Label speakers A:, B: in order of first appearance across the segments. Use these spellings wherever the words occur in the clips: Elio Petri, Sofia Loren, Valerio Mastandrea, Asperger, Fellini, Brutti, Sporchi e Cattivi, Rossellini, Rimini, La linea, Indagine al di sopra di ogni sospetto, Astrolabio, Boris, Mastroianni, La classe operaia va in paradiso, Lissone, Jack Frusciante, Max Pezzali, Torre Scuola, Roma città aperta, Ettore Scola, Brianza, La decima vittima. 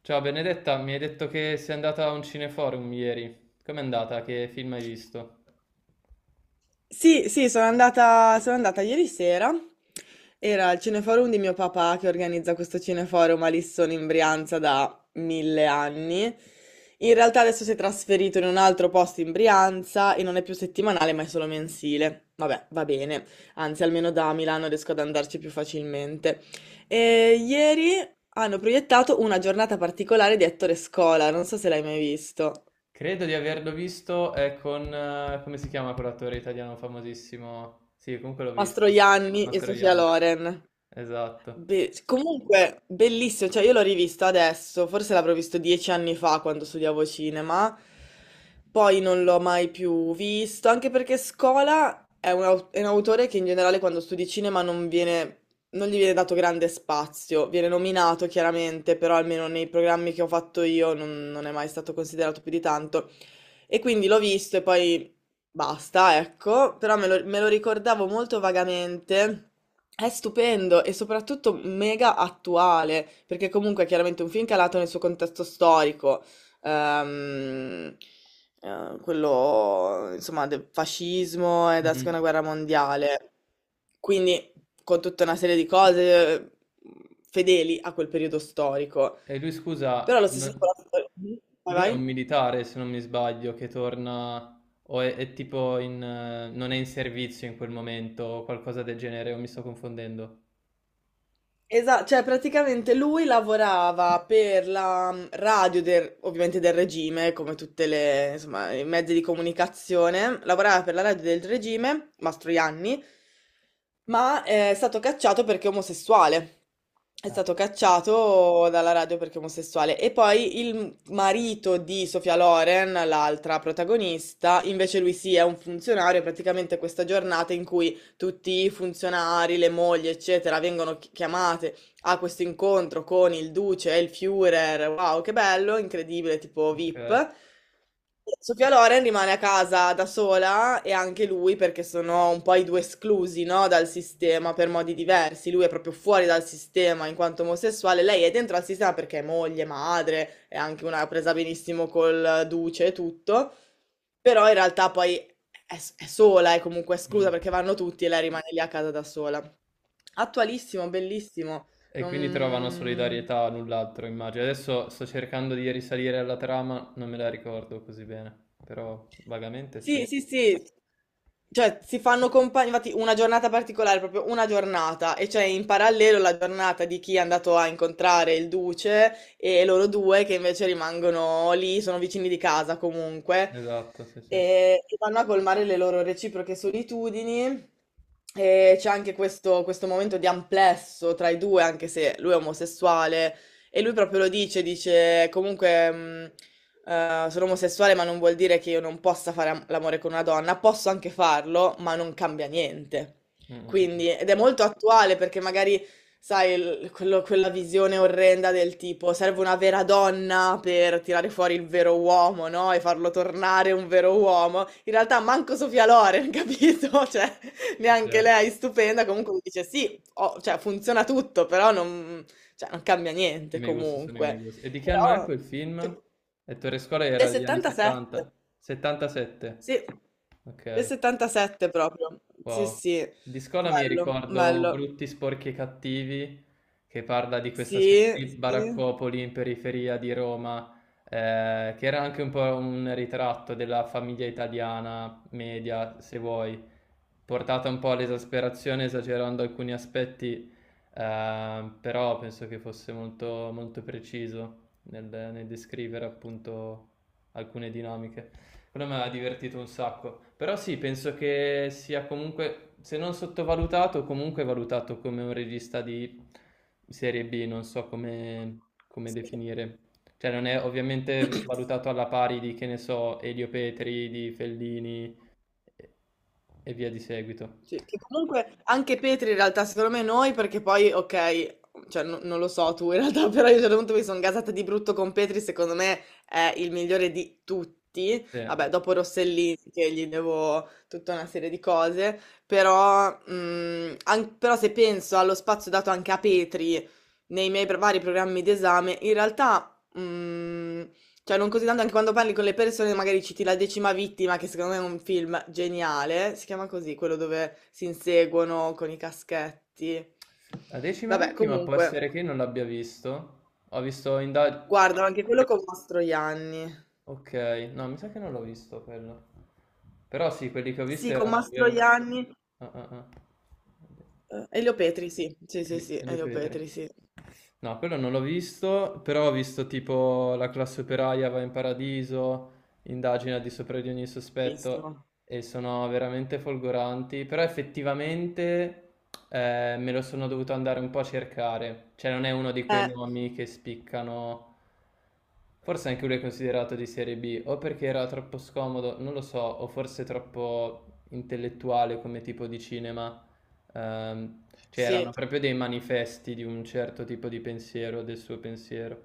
A: Ciao Benedetta, mi hai detto che sei andata a un cineforum ieri. Com'è andata? Che film hai visto?
B: Sì, sì, sono andata ieri sera. Era il cineforum di mio papà che organizza questo cineforum a Lissone in Brianza da mille anni. In realtà adesso si è trasferito in un altro posto in Brianza e non è più settimanale, ma è solo mensile. Vabbè, va bene. Anzi, almeno da Milano riesco ad andarci più facilmente. E ieri hanno proiettato una giornata particolare di Ettore Scola, non so se l'hai mai visto.
A: Credo di averlo visto, è con... come si chiama quell'attore italiano famosissimo? Sì, comunque l'ho visto.
B: Mastroianni e Sofia
A: Mastroianni.
B: Loren.
A: Esatto.
B: Comunque, bellissimo, cioè io l'ho rivisto adesso, forse l'avrò visto 10 anni fa quando studiavo cinema, poi non l'ho mai più visto, anche perché Scola è è un autore che in generale quando studi cinema non gli viene dato grande spazio, viene nominato chiaramente, però almeno nei programmi che ho fatto io non è mai stato considerato più di tanto. E quindi l'ho visto e poi basta, ecco, però me lo ricordavo molto vagamente. È stupendo e soprattutto mega attuale, perché comunque è chiaramente un film calato nel suo contesto storico, ehm, quello insomma del fascismo e della
A: Mhm.
B: seconda guerra mondiale, quindi con tutta una serie di cose, fedeli a quel periodo storico.
A: E lui,
B: Però
A: scusa,
B: allo stesso tempo Mhm. Vai,
A: lui è un
B: vai.
A: militare, se non mi sbaglio, che torna o è tipo in... non è in servizio in quel momento o qualcosa del genere, o mi sto confondendo?
B: Esatto, cioè praticamente lui lavorava per la radio ovviamente del regime, come tutte, insomma, i mezzi di comunicazione, lavorava per la radio del regime, Mastroianni, ma è stato cacciato perché omosessuale. È
A: Ah,
B: stato cacciato dalla radio perché omosessuale. E poi il marito di Sofia Loren, l'altra protagonista, invece lui sì, è un funzionario, è praticamente questa giornata in cui tutti i funzionari, le mogli, eccetera, vengono chiamate, ha questo incontro con il duce e il Führer, wow, che bello, incredibile, tipo
A: ok.
B: VIP. Sofia Loren rimane a casa da sola e anche lui perché sono un po' i due esclusi, no, dal sistema per modi diversi. Lui è proprio fuori dal sistema in quanto omosessuale, lei è dentro al sistema perché è moglie, madre, è anche una presa benissimo col duce e tutto. Però in realtà poi è sola, è comunque esclusa
A: Mhm.
B: perché vanno tutti e lei rimane lì a casa da sola. Attualissimo, bellissimo.
A: E quindi trovano
B: Non...
A: solidarietà a null'altro, immagino. Adesso sto cercando di risalire alla trama, non me la ricordo così bene, però vagamente sì.
B: Sì, sì, sì. Cioè, si fanno compagni, infatti una giornata particolare, proprio una giornata, e cioè in parallelo la giornata di chi è andato a incontrare il duce e loro due che invece rimangono lì, sono vicini di casa comunque,
A: Esatto, sì, sì. Mm,
B: e vanno a colmare le loro reciproche solitudini. E c'è anche questo momento di amplesso tra i due, anche se lui è omosessuale, e lui proprio lo dice comunque. Sono omosessuale, ma non vuol dire che io non possa fare am l'amore con una donna. Posso anche farlo, ma non cambia niente.
A: mm, mm.
B: Quindi ed è molto attuale perché magari, sai, il quello quella visione orrenda del tipo: serve una vera donna per tirare fuori il vero uomo, no, e farlo tornare un vero uomo. In realtà manco Sofia Loren, capito, cioè neanche
A: Certo.
B: lei è stupenda, comunque mi dice: "Sì, ho cioè funziona tutto, però non cambia
A: I
B: niente
A: miei gusti sono i miei
B: comunque".
A: gusti. E di che anno è
B: Però,
A: quel
B: cioè,
A: film? E Torre Scuola era
B: del
A: degli anni
B: 77,
A: 70? 77.
B: sì, del
A: Ok.
B: 77 proprio, sì,
A: Wow.
B: sì,
A: Di Scuola mi
B: bello,
A: ricordo
B: bello,
A: Brutti, Sporchi e Cattivi, che parla di questa
B: sì,
A: specie di
B: sì,
A: baraccopoli in periferia di Roma, che era anche un po' un ritratto della famiglia italiana media, se vuoi portata un po' all'esasperazione esagerando alcuni aspetti, però penso che fosse molto, molto preciso nel descrivere appunto alcune dinamiche. Quello mi ha divertito un sacco, però sì, penso che sia comunque, se non sottovalutato, comunque valutato come un regista di serie B, non so come, come
B: sì.
A: definire. Cioè non è ovviamente valutato alla pari di, che ne so, Elio Petri, di Fellini, e e via di seguito.
B: Sì, che comunque anche Petri in realtà secondo me noi perché poi ok, cioè non lo so tu in realtà, però io a un certo punto mi sono gasata di brutto con Petri, secondo me è il migliore di tutti,
A: Sì.
B: vabbè dopo Rossellini che gli devo tutta una serie di cose, però se penso allo spazio dato anche a Petri nei miei vari programmi d'esame, in realtà cioè, non così tanto anche quando parli con le persone, magari citi La decima vittima, che secondo me è un film geniale. Si chiama così, quello dove si inseguono con i caschetti.
A: La decima
B: Vabbè,
A: vittima può
B: comunque,
A: essere che io non l'abbia visto. Ho visto inda
B: guardano anche quello con Mastroianni.
A: okay, no mi sa che non l'ho visto quello. Però sì, quelli che ho visto
B: Sì, con
A: erano vero
B: Mastroianni.
A: ah, ah, ah.
B: Elio Petri, sì. Sì, sì, sì,
A: E li
B: Elio
A: ho
B: Petri, sì.
A: No, quello non l'ho visto, però ho visto tipo La classe operaia va in paradiso, Indagine al di sopra di ogni sospetto
B: Bellissimo.
A: e sono veramente folgoranti, però effettivamente me lo sono dovuto andare un po' a cercare, cioè non è uno di quei
B: Eh,
A: nomi che spiccano, forse anche lui è considerato di serie B, o perché era troppo scomodo, non lo so, o forse troppo intellettuale come tipo di cinema. C'erano
B: sì.
A: proprio dei manifesti di un certo tipo di pensiero, del suo pensiero.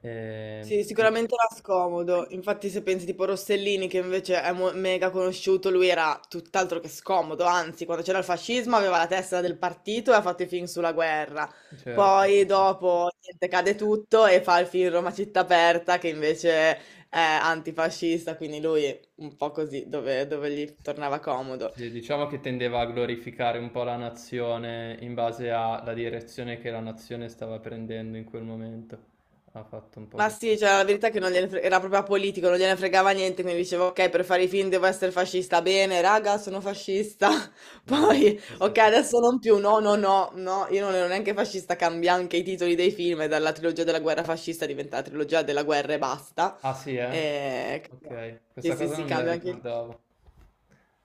A: Ehm,
B: Sì,
A: quindi-
B: sicuramente era scomodo. Infatti, se pensi tipo Rossellini, che invece è mega conosciuto, lui era tutt'altro che scomodo. Anzi, quando c'era il fascismo aveva la testa del partito e ha fatto i film sulla guerra.
A: certo, sì,
B: Poi
A: sì.
B: dopo niente, cade tutto e fa il film Roma città aperta, che invece è antifascista, quindi lui un po' così, dove gli tornava comodo.
A: Sì, diciamo che tendeva a glorificare un po' la nazione in base alla direzione che la nazione stava prendendo in quel momento. Ha fatto un po'
B: Ma
A: questo.
B: sì, cioè, la verità è che non gliene era proprio apolitico, non gliene fregava niente, quindi dicevo, ok, per fare i film devo essere fascista, bene, raga, sono fascista.
A: Esatto,
B: Poi,
A: sì, sì,
B: ok,
A: sì, sì.
B: adesso non più, no, no, no, no, io non ero neanche fascista, cambia anche i titoli dei film, e dalla trilogia della guerra fascista diventa la trilogia della guerra e basta.
A: Ah sì, eh?
B: E...
A: Ok,
B: Sì,
A: questa
B: sì,
A: cosa
B: sì,
A: non me la
B: cambia anche,
A: ricordavo.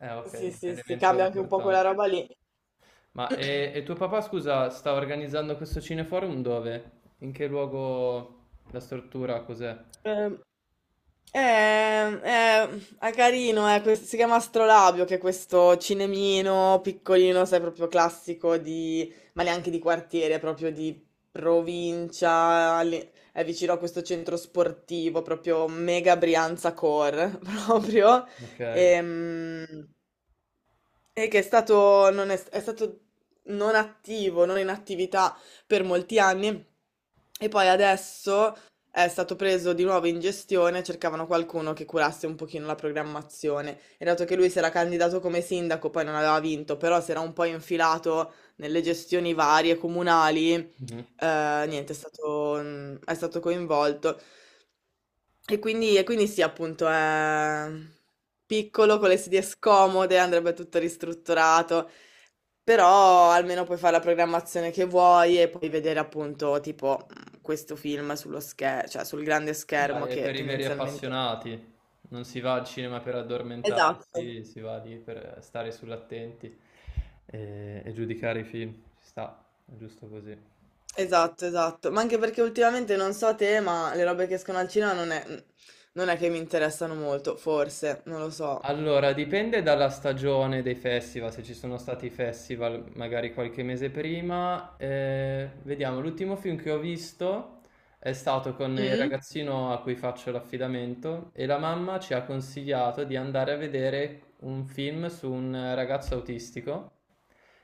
A: Ok,
B: sì,
A: un
B: sì, sì,
A: elemento
B: cambia anche un po' quella
A: importante.
B: roba lì.
A: Ma e tuo papà, scusa, sta organizzando questo cineforum dove? In che luogo? La struttura cos'è?
B: Ehm, Eh, eh, è carino, si chiama Astrolabio, che è questo cinemino piccolino, sai, proprio classico di, ma neanche di quartiere, proprio di provincia, lì, è vicino a questo centro sportivo, proprio mega Brianza Core, proprio.
A: Ok.
B: Ehm, e che è stato, non è, è stato non attivo, non in attività per molti anni e poi adesso è stato preso di nuovo in gestione, cercavano qualcuno che curasse un pochino la programmazione e dato che lui si era candidato come sindaco, poi non aveva vinto, però si era un po' infilato nelle gestioni varie comunali,
A: Mhm.
B: niente, è stato coinvolto. E quindi sì, appunto, è piccolo, con le sedie scomode, andrebbe tutto ristrutturato, però almeno puoi fare la programmazione che vuoi e puoi vedere appunto tipo questo film sullo schermo, cioè sul grande schermo
A: Dai, è
B: che
A: per i veri
B: tendenzialmente...
A: appassionati. Non si va al cinema per
B: Esatto,
A: addormentarsi, si va lì per stare sull'attenti e giudicare i film. Ci sta, è giusto così.
B: esatto, esatto. Ma anche perché ultimamente non so te, ma le robe che escono al cinema non è che mi interessano molto, forse, non lo so.
A: Allora, dipende dalla stagione dei festival, se ci sono stati i festival magari qualche mese prima. Vediamo, l'ultimo film che ho visto è stato con il
B: Mm?
A: ragazzino a cui faccio l'affidamento e la mamma ci ha consigliato di andare a vedere un film su un ragazzo autistico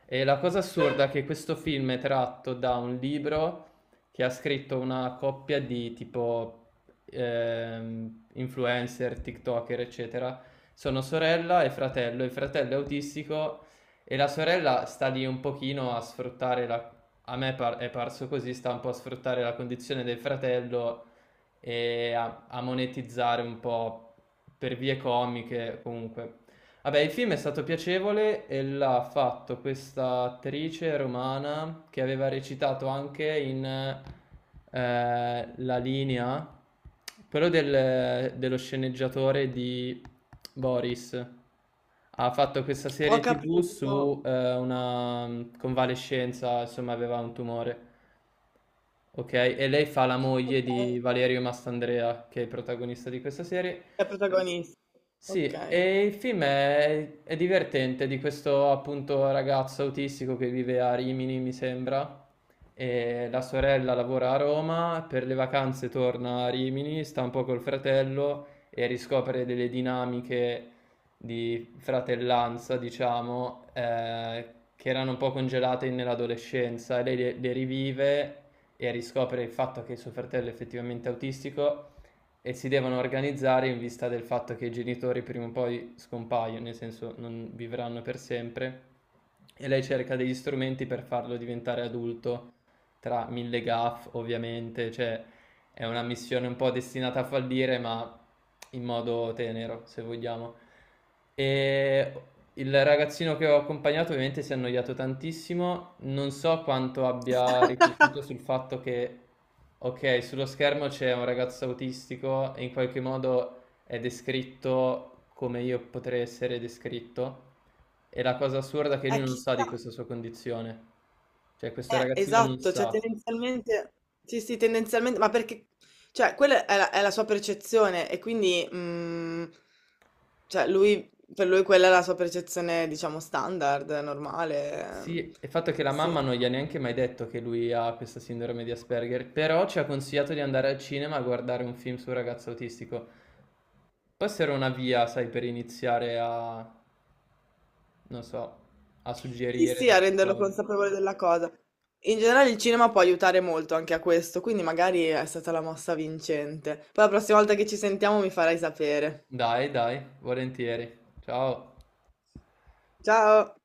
A: e la cosa assurda è che questo film è tratto da un libro che ha scritto una coppia di tipo influencer, TikToker, eccetera. Sono sorella e fratello, il fratello è autistico e la sorella sta lì un pochino a sfruttare la... è parso così, sta un po' a sfruttare la condizione del fratello e a monetizzare un po' per vie comiche comunque. Vabbè, il film è stato piacevole e l'ha fatto questa attrice romana che aveva recitato anche in La linea, quello dello sceneggiatore di Boris. Ha fatto questa
B: Ho
A: serie TV
B: capito.
A: su una convalescenza, insomma, aveva un tumore. Ok, e lei fa la moglie
B: Ok,
A: di Valerio Mastandrea, che è il protagonista di questa serie,
B: è protagonista.
A: sì,
B: Ok.
A: e il film è divertente di questo appunto ragazzo autistico che vive a Rimini, mi sembra, e la sorella lavora a Roma, per le vacanze torna a Rimini, sta un po' col fratello e riscopre delle dinamiche di fratellanza, diciamo, che erano un po' congelate nell'adolescenza, e lei le rivive e riscopre il fatto che suo fratello è effettivamente autistico e si devono organizzare in vista del fatto che i genitori prima o poi scompaiono, nel senso non vivranno per sempre. E lei cerca degli strumenti per farlo diventare adulto, tra mille gaff ovviamente, cioè è una missione un po' destinata a fallire, ma in modo tenero, se vogliamo. E il ragazzino che ho accompagnato ovviamente si è annoiato tantissimo, non so quanto abbia riflettuto sul fatto che ok, sullo schermo c'è un ragazzo autistico e in qualche modo è descritto come io potrei essere descritto. E la cosa assurda è che lui non sa
B: Chissà,
A: di questa sua condizione. Cioè, questo ragazzino non
B: esatto, cioè
A: sa.
B: tendenzialmente, sì, sì, tendenzialmente, ma perché, cioè, quella è la sua percezione e quindi, cioè, per lui quella è la sua percezione, diciamo, standard, normale,
A: Sì, il fatto è che la
B: sì.
A: mamma non gli ha neanche mai detto che lui ha questa sindrome di Asperger, però ci ha consigliato di andare al cinema a guardare un film sul ragazzo autistico. Può essere una via, sai, per iniziare a, non so, a
B: Sì,
A: suggerire
B: sì, a
A: delle
B: renderlo
A: cose.
B: consapevole della cosa. In generale il cinema può aiutare molto anche a questo, quindi magari è stata la mossa vincente. Poi la prossima volta che ci sentiamo mi farai sapere.
A: Dai, dai, volentieri. Ciao.
B: Ciao!